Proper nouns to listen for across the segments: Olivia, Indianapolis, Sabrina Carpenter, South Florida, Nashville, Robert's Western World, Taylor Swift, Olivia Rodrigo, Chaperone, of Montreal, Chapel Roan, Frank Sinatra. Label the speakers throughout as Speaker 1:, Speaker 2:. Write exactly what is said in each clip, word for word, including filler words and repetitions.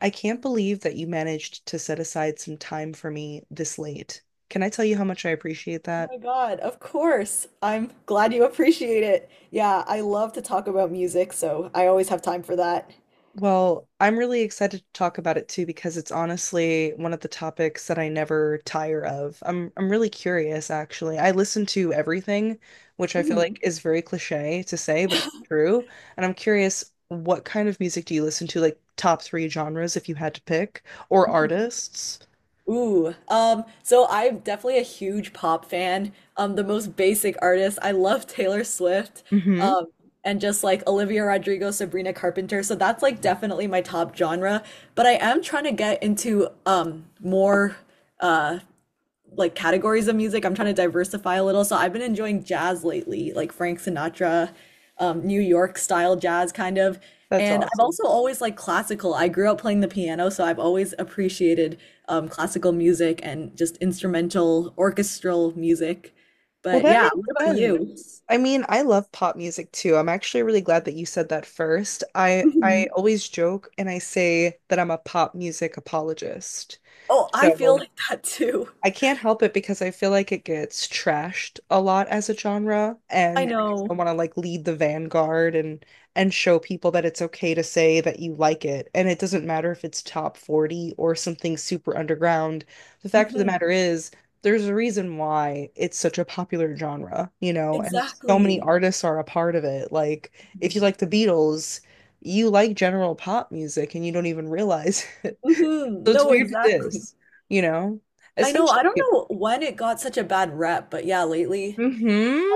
Speaker 1: I can't believe that you managed to set aside some time for me this late. Can I tell you how much I appreciate
Speaker 2: Oh
Speaker 1: that?
Speaker 2: my God, of course. I'm glad you appreciate it. Yeah, I love to talk about music, so I always have time for that.
Speaker 1: Well, I'm really excited to talk about it too because it's honestly one of the topics that I never tire of. I'm I'm really curious actually. I listen to everything, which I feel like
Speaker 2: Mhm,
Speaker 1: is very cliche to say, but it's true. And I'm curious, what kind of music do you listen to? Like top three genres if you had to pick or
Speaker 2: mhm.
Speaker 1: artists?
Speaker 2: Ooh, um, so I'm definitely a huge pop fan. Um, the most basic artist. I love Taylor Swift,
Speaker 1: Mm-hmm.
Speaker 2: um, and just like Olivia Rodrigo, Sabrina Carpenter. So that's like definitely my top genre. But I am trying to get into um more. uh, like categories of music. I'm trying to diversify a little. So I've been enjoying jazz lately, like Frank Sinatra, um, New York style jazz kind of.
Speaker 1: That's
Speaker 2: And I've
Speaker 1: awesome.
Speaker 2: also always liked classical. I grew up playing the piano, so I've always appreciated um, classical music and just instrumental orchestral music.
Speaker 1: Well,
Speaker 2: But
Speaker 1: that
Speaker 2: yeah,
Speaker 1: makes
Speaker 2: what about you?
Speaker 1: sense. I mean, I love pop music too. I'm actually really glad that you said that first. I I
Speaker 2: Mhm.
Speaker 1: always joke and I say that I'm a pop music apologist.
Speaker 2: Oh, I feel
Speaker 1: So
Speaker 2: like that too.
Speaker 1: I can't help it because I feel like it gets trashed a lot as a genre,
Speaker 2: I
Speaker 1: and I
Speaker 2: know.
Speaker 1: want to like lead the vanguard and and show people that it's okay to say that you like it, and it doesn't matter if it's top forty or something super underground. The fact of the
Speaker 2: Hmm.
Speaker 1: matter is, there's a reason why it's such a popular genre, you know, and so many
Speaker 2: Exactly.
Speaker 1: artists are a part of it. Like, if you like the Beatles, you like general pop music and you don't even realize.
Speaker 2: Hmm.
Speaker 1: So it's
Speaker 2: No,
Speaker 1: weird to
Speaker 2: exactly.
Speaker 1: diss, you know?
Speaker 2: I know,
Speaker 1: Especially
Speaker 2: I don't know when it got such a bad rep, but yeah, lately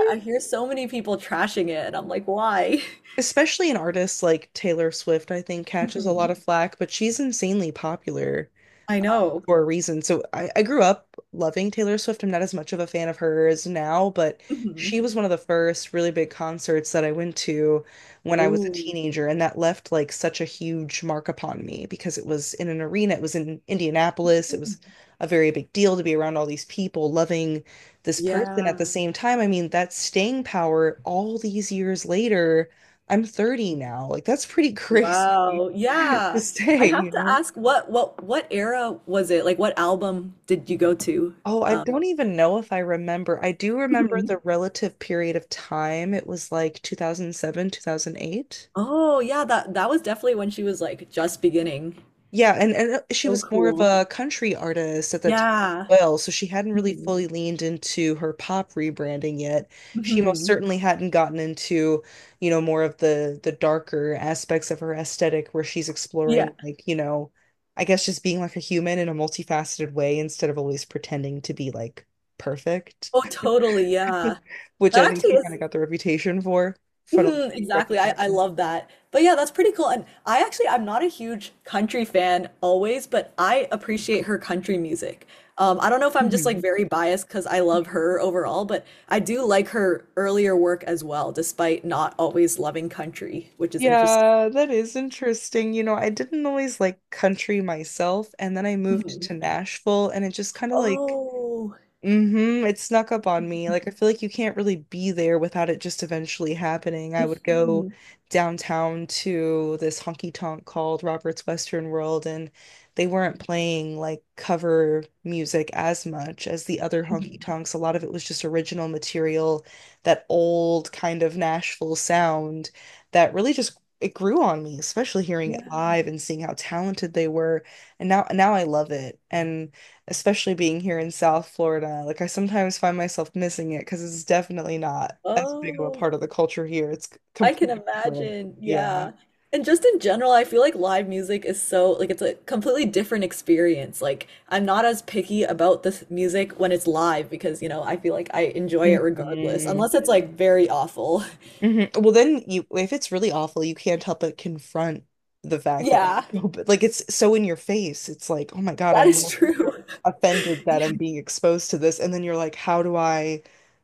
Speaker 2: I I hear so many people trashing it, and I'm like, why?
Speaker 1: Especially an artist like Taylor Swift, I think, catches a lot
Speaker 2: Mhm.
Speaker 1: of flack, but she's insanely popular
Speaker 2: I know.
Speaker 1: for a reason. So I, I grew up loving Taylor Swift. I'm not as much of a fan of hers now, but
Speaker 2: Mhm.
Speaker 1: she was one of the first really big concerts that I went to when I was a
Speaker 2: Ooh.
Speaker 1: teenager, and that left like such a huge mark upon me because it was in an arena, it was in Indianapolis, it
Speaker 2: Mm.
Speaker 1: was a very big deal to be around all these people loving this person at the
Speaker 2: Yeah.
Speaker 1: same time. I mean, that staying power all these years later, I'm thirty now. Like that's pretty crazy
Speaker 2: Wow.
Speaker 1: to
Speaker 2: Yeah. I
Speaker 1: stay,
Speaker 2: have
Speaker 1: you
Speaker 2: to
Speaker 1: know?
Speaker 2: ask what what what era was it? Like what album did you go to?
Speaker 1: Oh, I
Speaker 2: Um,
Speaker 1: don't even know if I remember. I do remember the
Speaker 2: Mhm.
Speaker 1: relative period of time. It was like two thousand seven, two thousand eight.
Speaker 2: Oh, yeah, that that was definitely when she was like just beginning.
Speaker 1: Yeah, and, and uh, she
Speaker 2: So
Speaker 1: was more of
Speaker 2: cool.
Speaker 1: a country artist at that time
Speaker 2: Yeah.
Speaker 1: as well, so she hadn't really
Speaker 2: Hmm.
Speaker 1: fully leaned into her pop rebranding yet. She most
Speaker 2: Hmm.
Speaker 1: certainly hadn't gotten into, you know, more of the the darker aspects of her aesthetic where she's
Speaker 2: Yeah.
Speaker 1: exploring like, you know, I guess just being like a human in a multifaceted way instead of always pretending to be like perfect.
Speaker 2: Oh, totally. Yeah.
Speaker 1: Which
Speaker 2: That
Speaker 1: I think
Speaker 2: actually
Speaker 1: she kind
Speaker 2: is.
Speaker 1: of got the reputation for. Funnily
Speaker 2: Mhm.
Speaker 1: enough,
Speaker 2: Exactly. I, I
Speaker 1: reputation.
Speaker 2: love that. But yeah, that's pretty cool. And I actually, I'm not a huge country fan always, but I appreciate her country music. Um, I don't know if I'm just like
Speaker 1: Mhm.
Speaker 2: very biased because I love her overall, but I do like her earlier work as well, despite not always loving country, which is interesting.
Speaker 1: Yeah, that is interesting. You know, I didn't always like country myself, and then I moved to
Speaker 2: Mhm.
Speaker 1: Nashville, and it just kind of like—
Speaker 2: Oh,
Speaker 1: Mm-hmm. It snuck up on me. Like I feel like you can't really be there without it just eventually happening. I would go
Speaker 2: mhm,
Speaker 1: downtown to this honky tonk called Robert's Western World, and they weren't playing like cover music as much as the other honky
Speaker 2: mhm.
Speaker 1: tonks. A lot of it was just original material, that old kind of Nashville sound that really just it grew on me, especially hearing
Speaker 2: Yeah.
Speaker 1: it live and seeing how talented they were. And now now I love it. And especially being here in South Florida. Like I sometimes find myself missing it because it's definitely not as big of a
Speaker 2: Oh.
Speaker 1: part of the culture here. It's c-
Speaker 2: I can
Speaker 1: completely different.
Speaker 2: imagine.
Speaker 1: Yeah.
Speaker 2: Yeah. And just in general, I feel like live music is so, like, it's a completely different experience. Like, I'm not as picky about this music when it's live because, you know, I feel like I enjoy it regardless,
Speaker 1: hmm
Speaker 2: unless it's like very awful.
Speaker 1: hmm Well, then you, if it's really awful, you can't help but confront the fact that it's
Speaker 2: Yeah,
Speaker 1: so, but like it's so in your face. It's like, oh my God,
Speaker 2: that
Speaker 1: I'm
Speaker 2: is true.
Speaker 1: offended that I'm being exposed to this. And then you're like, how do I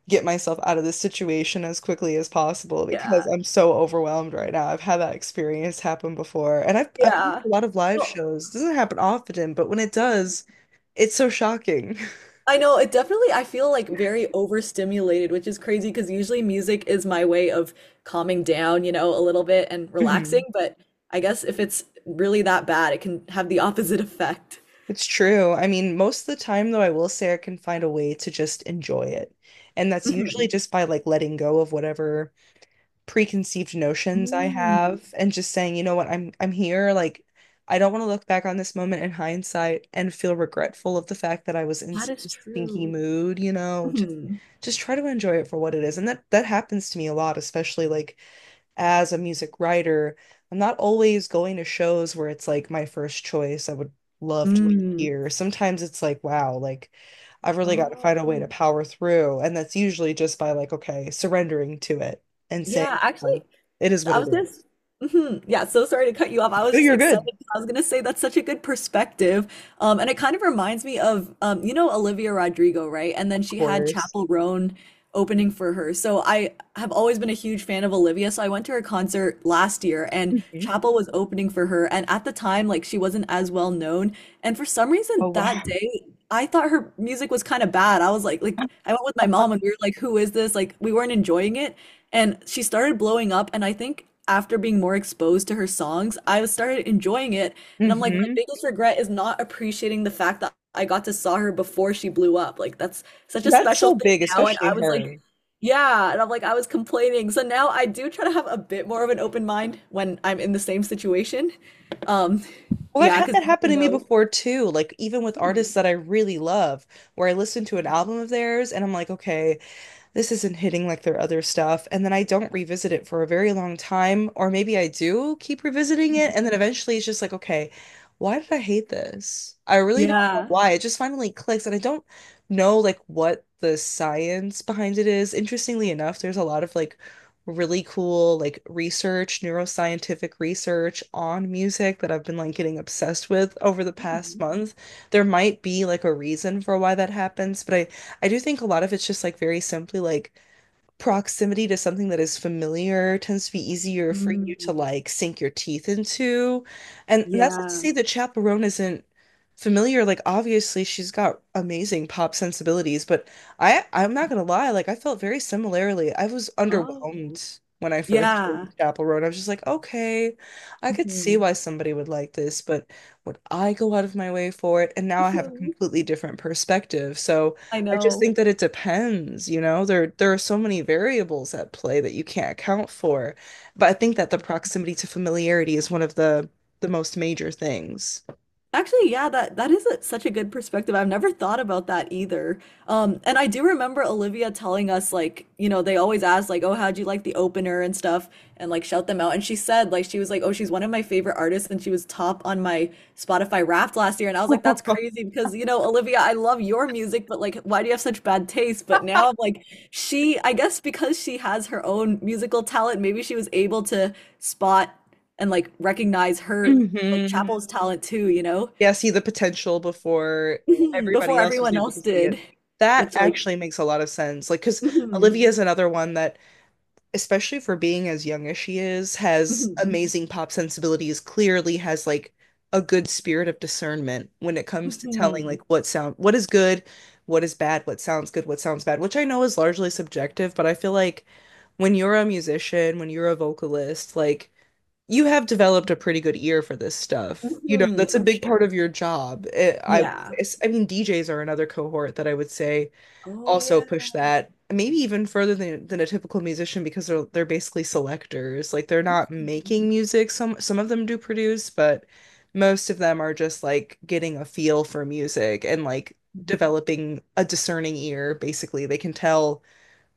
Speaker 1: get myself out of this situation as quickly as possible
Speaker 2: Yeah,
Speaker 1: because I'm so overwhelmed right now. I've had that experience happen before. And I've I've been to
Speaker 2: yeah.
Speaker 1: a lot of live
Speaker 2: Well,
Speaker 1: shows. It doesn't happen often, but when it does, it's so shocking.
Speaker 2: I know it definitely, I feel like very overstimulated, which is crazy because usually music is my way of calming down, you know, a little bit and relaxing.
Speaker 1: Mhm.
Speaker 2: But I guess if it's really that bad, it can have the opposite effect.
Speaker 1: It's true. I mean, most of the time though, I will say I can find a way to just enjoy it. And that's usually
Speaker 2: Mhm.
Speaker 1: just by like letting go of whatever preconceived notions I
Speaker 2: Mm,
Speaker 1: have and just saying, you know what, I'm I'm here. Like, I don't want to look back on this moment in hindsight and feel regretful of the fact that I was in
Speaker 2: that
Speaker 1: such
Speaker 2: is
Speaker 1: a stinky
Speaker 2: true.
Speaker 1: mood, you know. Just
Speaker 2: Mhm.
Speaker 1: just try to enjoy it for what it is. And that that happens to me a lot, especially like as a music writer, I'm not always going to shows where it's like my first choice. I would love to be
Speaker 2: Mm.
Speaker 1: here. Sometimes it's like, wow, like I've really got to
Speaker 2: Oh,
Speaker 1: find a way to power through. And that's usually just by like, okay, surrendering to it and saying,
Speaker 2: yeah. Actually,
Speaker 1: oh, it is what
Speaker 2: I
Speaker 1: it
Speaker 2: was just,
Speaker 1: is.
Speaker 2: mhm. Yeah, so sorry to cut you off. I was
Speaker 1: Oh,
Speaker 2: just
Speaker 1: you're
Speaker 2: excited
Speaker 1: good.
Speaker 2: because I was going to say that's such a good perspective. Um, and it kind of reminds me of, um, you know, Olivia Rodrigo, right? And then
Speaker 1: Of
Speaker 2: she had
Speaker 1: course.
Speaker 2: Chapel Roan opening for her. So I have always been a huge fan of Olivia. So I went to her concert last year and
Speaker 1: hmm
Speaker 2: Chapel was opening for her. And at the time, like she wasn't as well known. And for some reason
Speaker 1: Oh,
Speaker 2: that
Speaker 1: wow.
Speaker 2: day, I thought her music was kind of bad. I was like, like I went with my mom and we were like, who is this? Like we weren't enjoying it. And she started blowing up, and I think after being more exposed to her songs, I started enjoying it. And I'm like, my
Speaker 1: hmm
Speaker 2: biggest regret is not appreciating the fact that I got to saw her before she blew up. Like that's such a
Speaker 1: That's
Speaker 2: special
Speaker 1: so
Speaker 2: thing
Speaker 1: big,
Speaker 2: now. And
Speaker 1: especially
Speaker 2: I was
Speaker 1: her.
Speaker 2: like, yeah. And I'm like, I was complaining. So now I do try to have a bit more of an open mind when I'm in the same situation. Um,
Speaker 1: Well, I've
Speaker 2: yeah,
Speaker 1: had
Speaker 2: because
Speaker 1: that
Speaker 2: you never
Speaker 1: happen to me
Speaker 2: know.
Speaker 1: before too. Like, even with artists
Speaker 2: Mhm.
Speaker 1: that I really love, where I listen to an album of theirs and I'm like, okay, this isn't hitting like their other stuff. And then I don't revisit it for a very long time, or maybe I do keep revisiting it. And then eventually it's just like, okay, why did I hate this? I really don't know
Speaker 2: Yeah.
Speaker 1: why. It just finally clicks. And I don't know like what the science behind it is. Interestingly enough, there's a lot of like really cool like research, neuroscientific research on music that I've been like getting obsessed with over the past
Speaker 2: Mhm.
Speaker 1: month. There might be like a reason for why that happens, but I I do think a lot of it's just like very simply like proximity to something that is familiar tends to be easier for you to
Speaker 2: Mm,
Speaker 1: like sink your teeth into. And that's not to
Speaker 2: yeah.
Speaker 1: say that Chaperone isn't familiar. Like obviously she's got amazing pop sensibilities, but I I'm not gonna lie, like I felt very similarly. I was
Speaker 2: Oh.
Speaker 1: underwhelmed when I first
Speaker 2: Yeah.
Speaker 1: heard Chaperone. I was just like, okay, I could see
Speaker 2: Mhm.
Speaker 1: why somebody would like this, but would I go out of my way for it? And now I have a
Speaker 2: Mhm.
Speaker 1: completely different perspective. So
Speaker 2: I
Speaker 1: I just
Speaker 2: know.
Speaker 1: think that it depends, you know. There there are so many variables at play that you can't account for. But I think that the proximity to familiarity is one of the the most major things.
Speaker 2: Actually, yeah, that that is a, such a good perspective. I've never thought about that either. Um, and I do remember Olivia telling us like, you know, they always ask like, "Oh, how'd you like the opener and stuff?" and like shout them out. And she said like she was like, "Oh, she's one of my favorite artists and she was top on my Spotify Wrapped last year." And I was like, "That's crazy because, you know, Olivia, I love your music, but like why do you have such bad taste?" But now I'm like, she, I guess because she has her own musical talent, maybe she was able to spot and like recognize her like
Speaker 1: hmm
Speaker 2: Chapel's talent too, you know,
Speaker 1: Yeah, see the potential before everybody
Speaker 2: before
Speaker 1: else was
Speaker 2: everyone
Speaker 1: able
Speaker 2: else
Speaker 1: to see
Speaker 2: did,
Speaker 1: it. That
Speaker 2: which like
Speaker 1: actually makes a lot of sense. Like, because
Speaker 2: mhm,
Speaker 1: Olivia is another one that, especially for being as young as she is, has
Speaker 2: mhm,
Speaker 1: amazing pop sensibilities, clearly has like a good spirit of discernment when it comes to telling
Speaker 2: mhm,
Speaker 1: like what sound, what is good, what is bad, what sounds good, what sounds bad, which I know is largely subjective, but I feel like when you're a musician, when you're a vocalist, like you have developed a pretty good ear for this stuff. You know,
Speaker 2: mhm,
Speaker 1: that's a
Speaker 2: for
Speaker 1: big part
Speaker 2: sure.
Speaker 1: of your job. Eh, I would
Speaker 2: Yeah.
Speaker 1: say. I mean, D Js are another cohort that I would say
Speaker 2: Oh
Speaker 1: also
Speaker 2: yeah.
Speaker 1: push that maybe even further than than a typical musician because they're they're basically selectors. Like they're not
Speaker 2: Mhm,
Speaker 1: making music. Some some of them do produce, but most of them are just like getting a feel for music and like developing a discerning ear. Basically, they can tell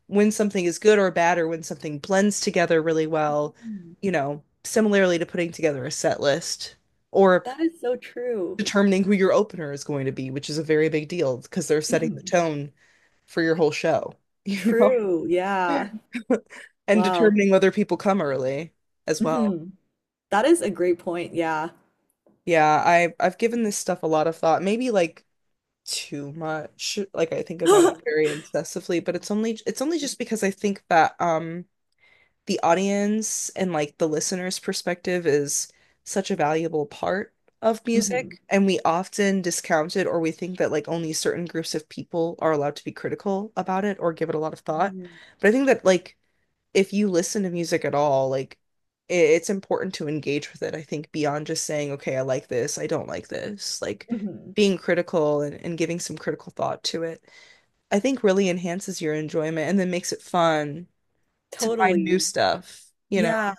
Speaker 1: when something is good or bad or when something blends together really well,
Speaker 2: mhm.
Speaker 1: you know, similarly to putting together a set list or
Speaker 2: That is so true.
Speaker 1: determining who your opener is going to be, which is a very big deal because they're setting the
Speaker 2: Mhm.
Speaker 1: tone for your whole show, you know,
Speaker 2: True. Yeah.
Speaker 1: and
Speaker 2: Wow.
Speaker 1: determining whether people come early as well.
Speaker 2: Mhm. That is a great point. Yeah.
Speaker 1: Yeah, I I've given this stuff a lot of thought. Maybe like too much. Like I think about it very obsessively, but it's only it's only just because I think that um the audience and like the listener's perspective is such a valuable part of
Speaker 2: Mhm.
Speaker 1: music, and we often discount it or we think that like only certain groups of people are allowed to be critical about it or give it a lot of thought.
Speaker 2: Mhm.
Speaker 1: But I think that like if you listen to music at all, like i- it's important to engage with it, I think, beyond just saying, okay, I like this, I don't like this, like
Speaker 2: Mhm.
Speaker 1: being critical and, and giving some critical thought to it, I think really enhances your enjoyment and then makes it fun to find new
Speaker 2: Totally.
Speaker 1: stuff, you know?
Speaker 2: Yeah.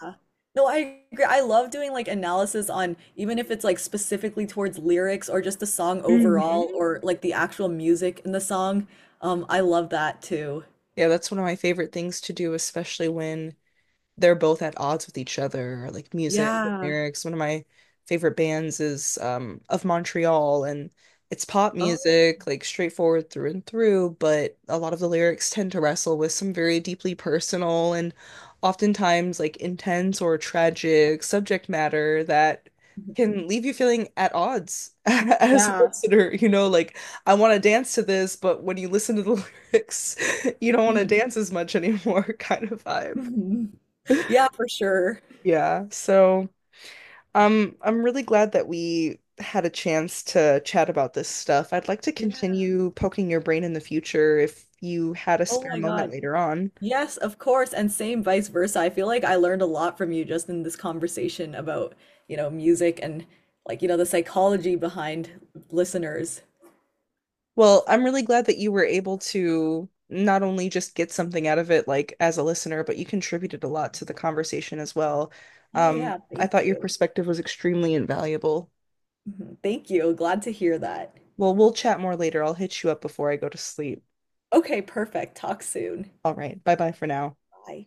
Speaker 2: No, I agree. I love doing like analysis on even if it's like specifically towards lyrics or just the song overall
Speaker 1: hmm
Speaker 2: or like the actual music in the song. Um, I love that too.
Speaker 1: Yeah, that's one of my favorite things to do, especially when they're both at odds with each other, like music and
Speaker 2: Yeah.
Speaker 1: lyrics. One of my favorite bands is um of Montreal, and it's pop
Speaker 2: Oh,
Speaker 1: music, like straightforward through and through, but a lot of the lyrics tend to wrestle with some very deeply personal and oftentimes like intense or tragic subject matter that
Speaker 2: mhm.
Speaker 1: can leave you feeling at odds as a
Speaker 2: Yeah.
Speaker 1: listener, you know, like I want to dance to this, but when you listen to the lyrics, you don't want to
Speaker 2: Mhm.
Speaker 1: dance as much anymore kind of vibe.
Speaker 2: Mhm. Yeah, for sure.
Speaker 1: Yeah. So, um, I'm really glad that we had a chance to chat about this stuff. I'd like to
Speaker 2: Yeah.
Speaker 1: continue poking your brain in the future if you had a
Speaker 2: Oh
Speaker 1: spare
Speaker 2: my
Speaker 1: moment
Speaker 2: God.
Speaker 1: later on.
Speaker 2: Yes, of course. And same vice versa. I feel like I learned a lot from you just in this conversation about, you know, music and like, you know, the psychology behind listeners.
Speaker 1: Well, I'm really glad that you were able to not only just get something out of it, like as a listener, but you contributed a lot to the conversation as well.
Speaker 2: Oh
Speaker 1: Um,
Speaker 2: yeah,
Speaker 1: I
Speaker 2: thank
Speaker 1: thought your
Speaker 2: you.
Speaker 1: perspective was extremely invaluable.
Speaker 2: Mhm. Thank you. Glad to hear that.
Speaker 1: Well, we'll chat more later. I'll hit you up before I go to sleep.
Speaker 2: Okay, perfect. Talk soon.
Speaker 1: All right. Bye bye for now.
Speaker 2: Bye.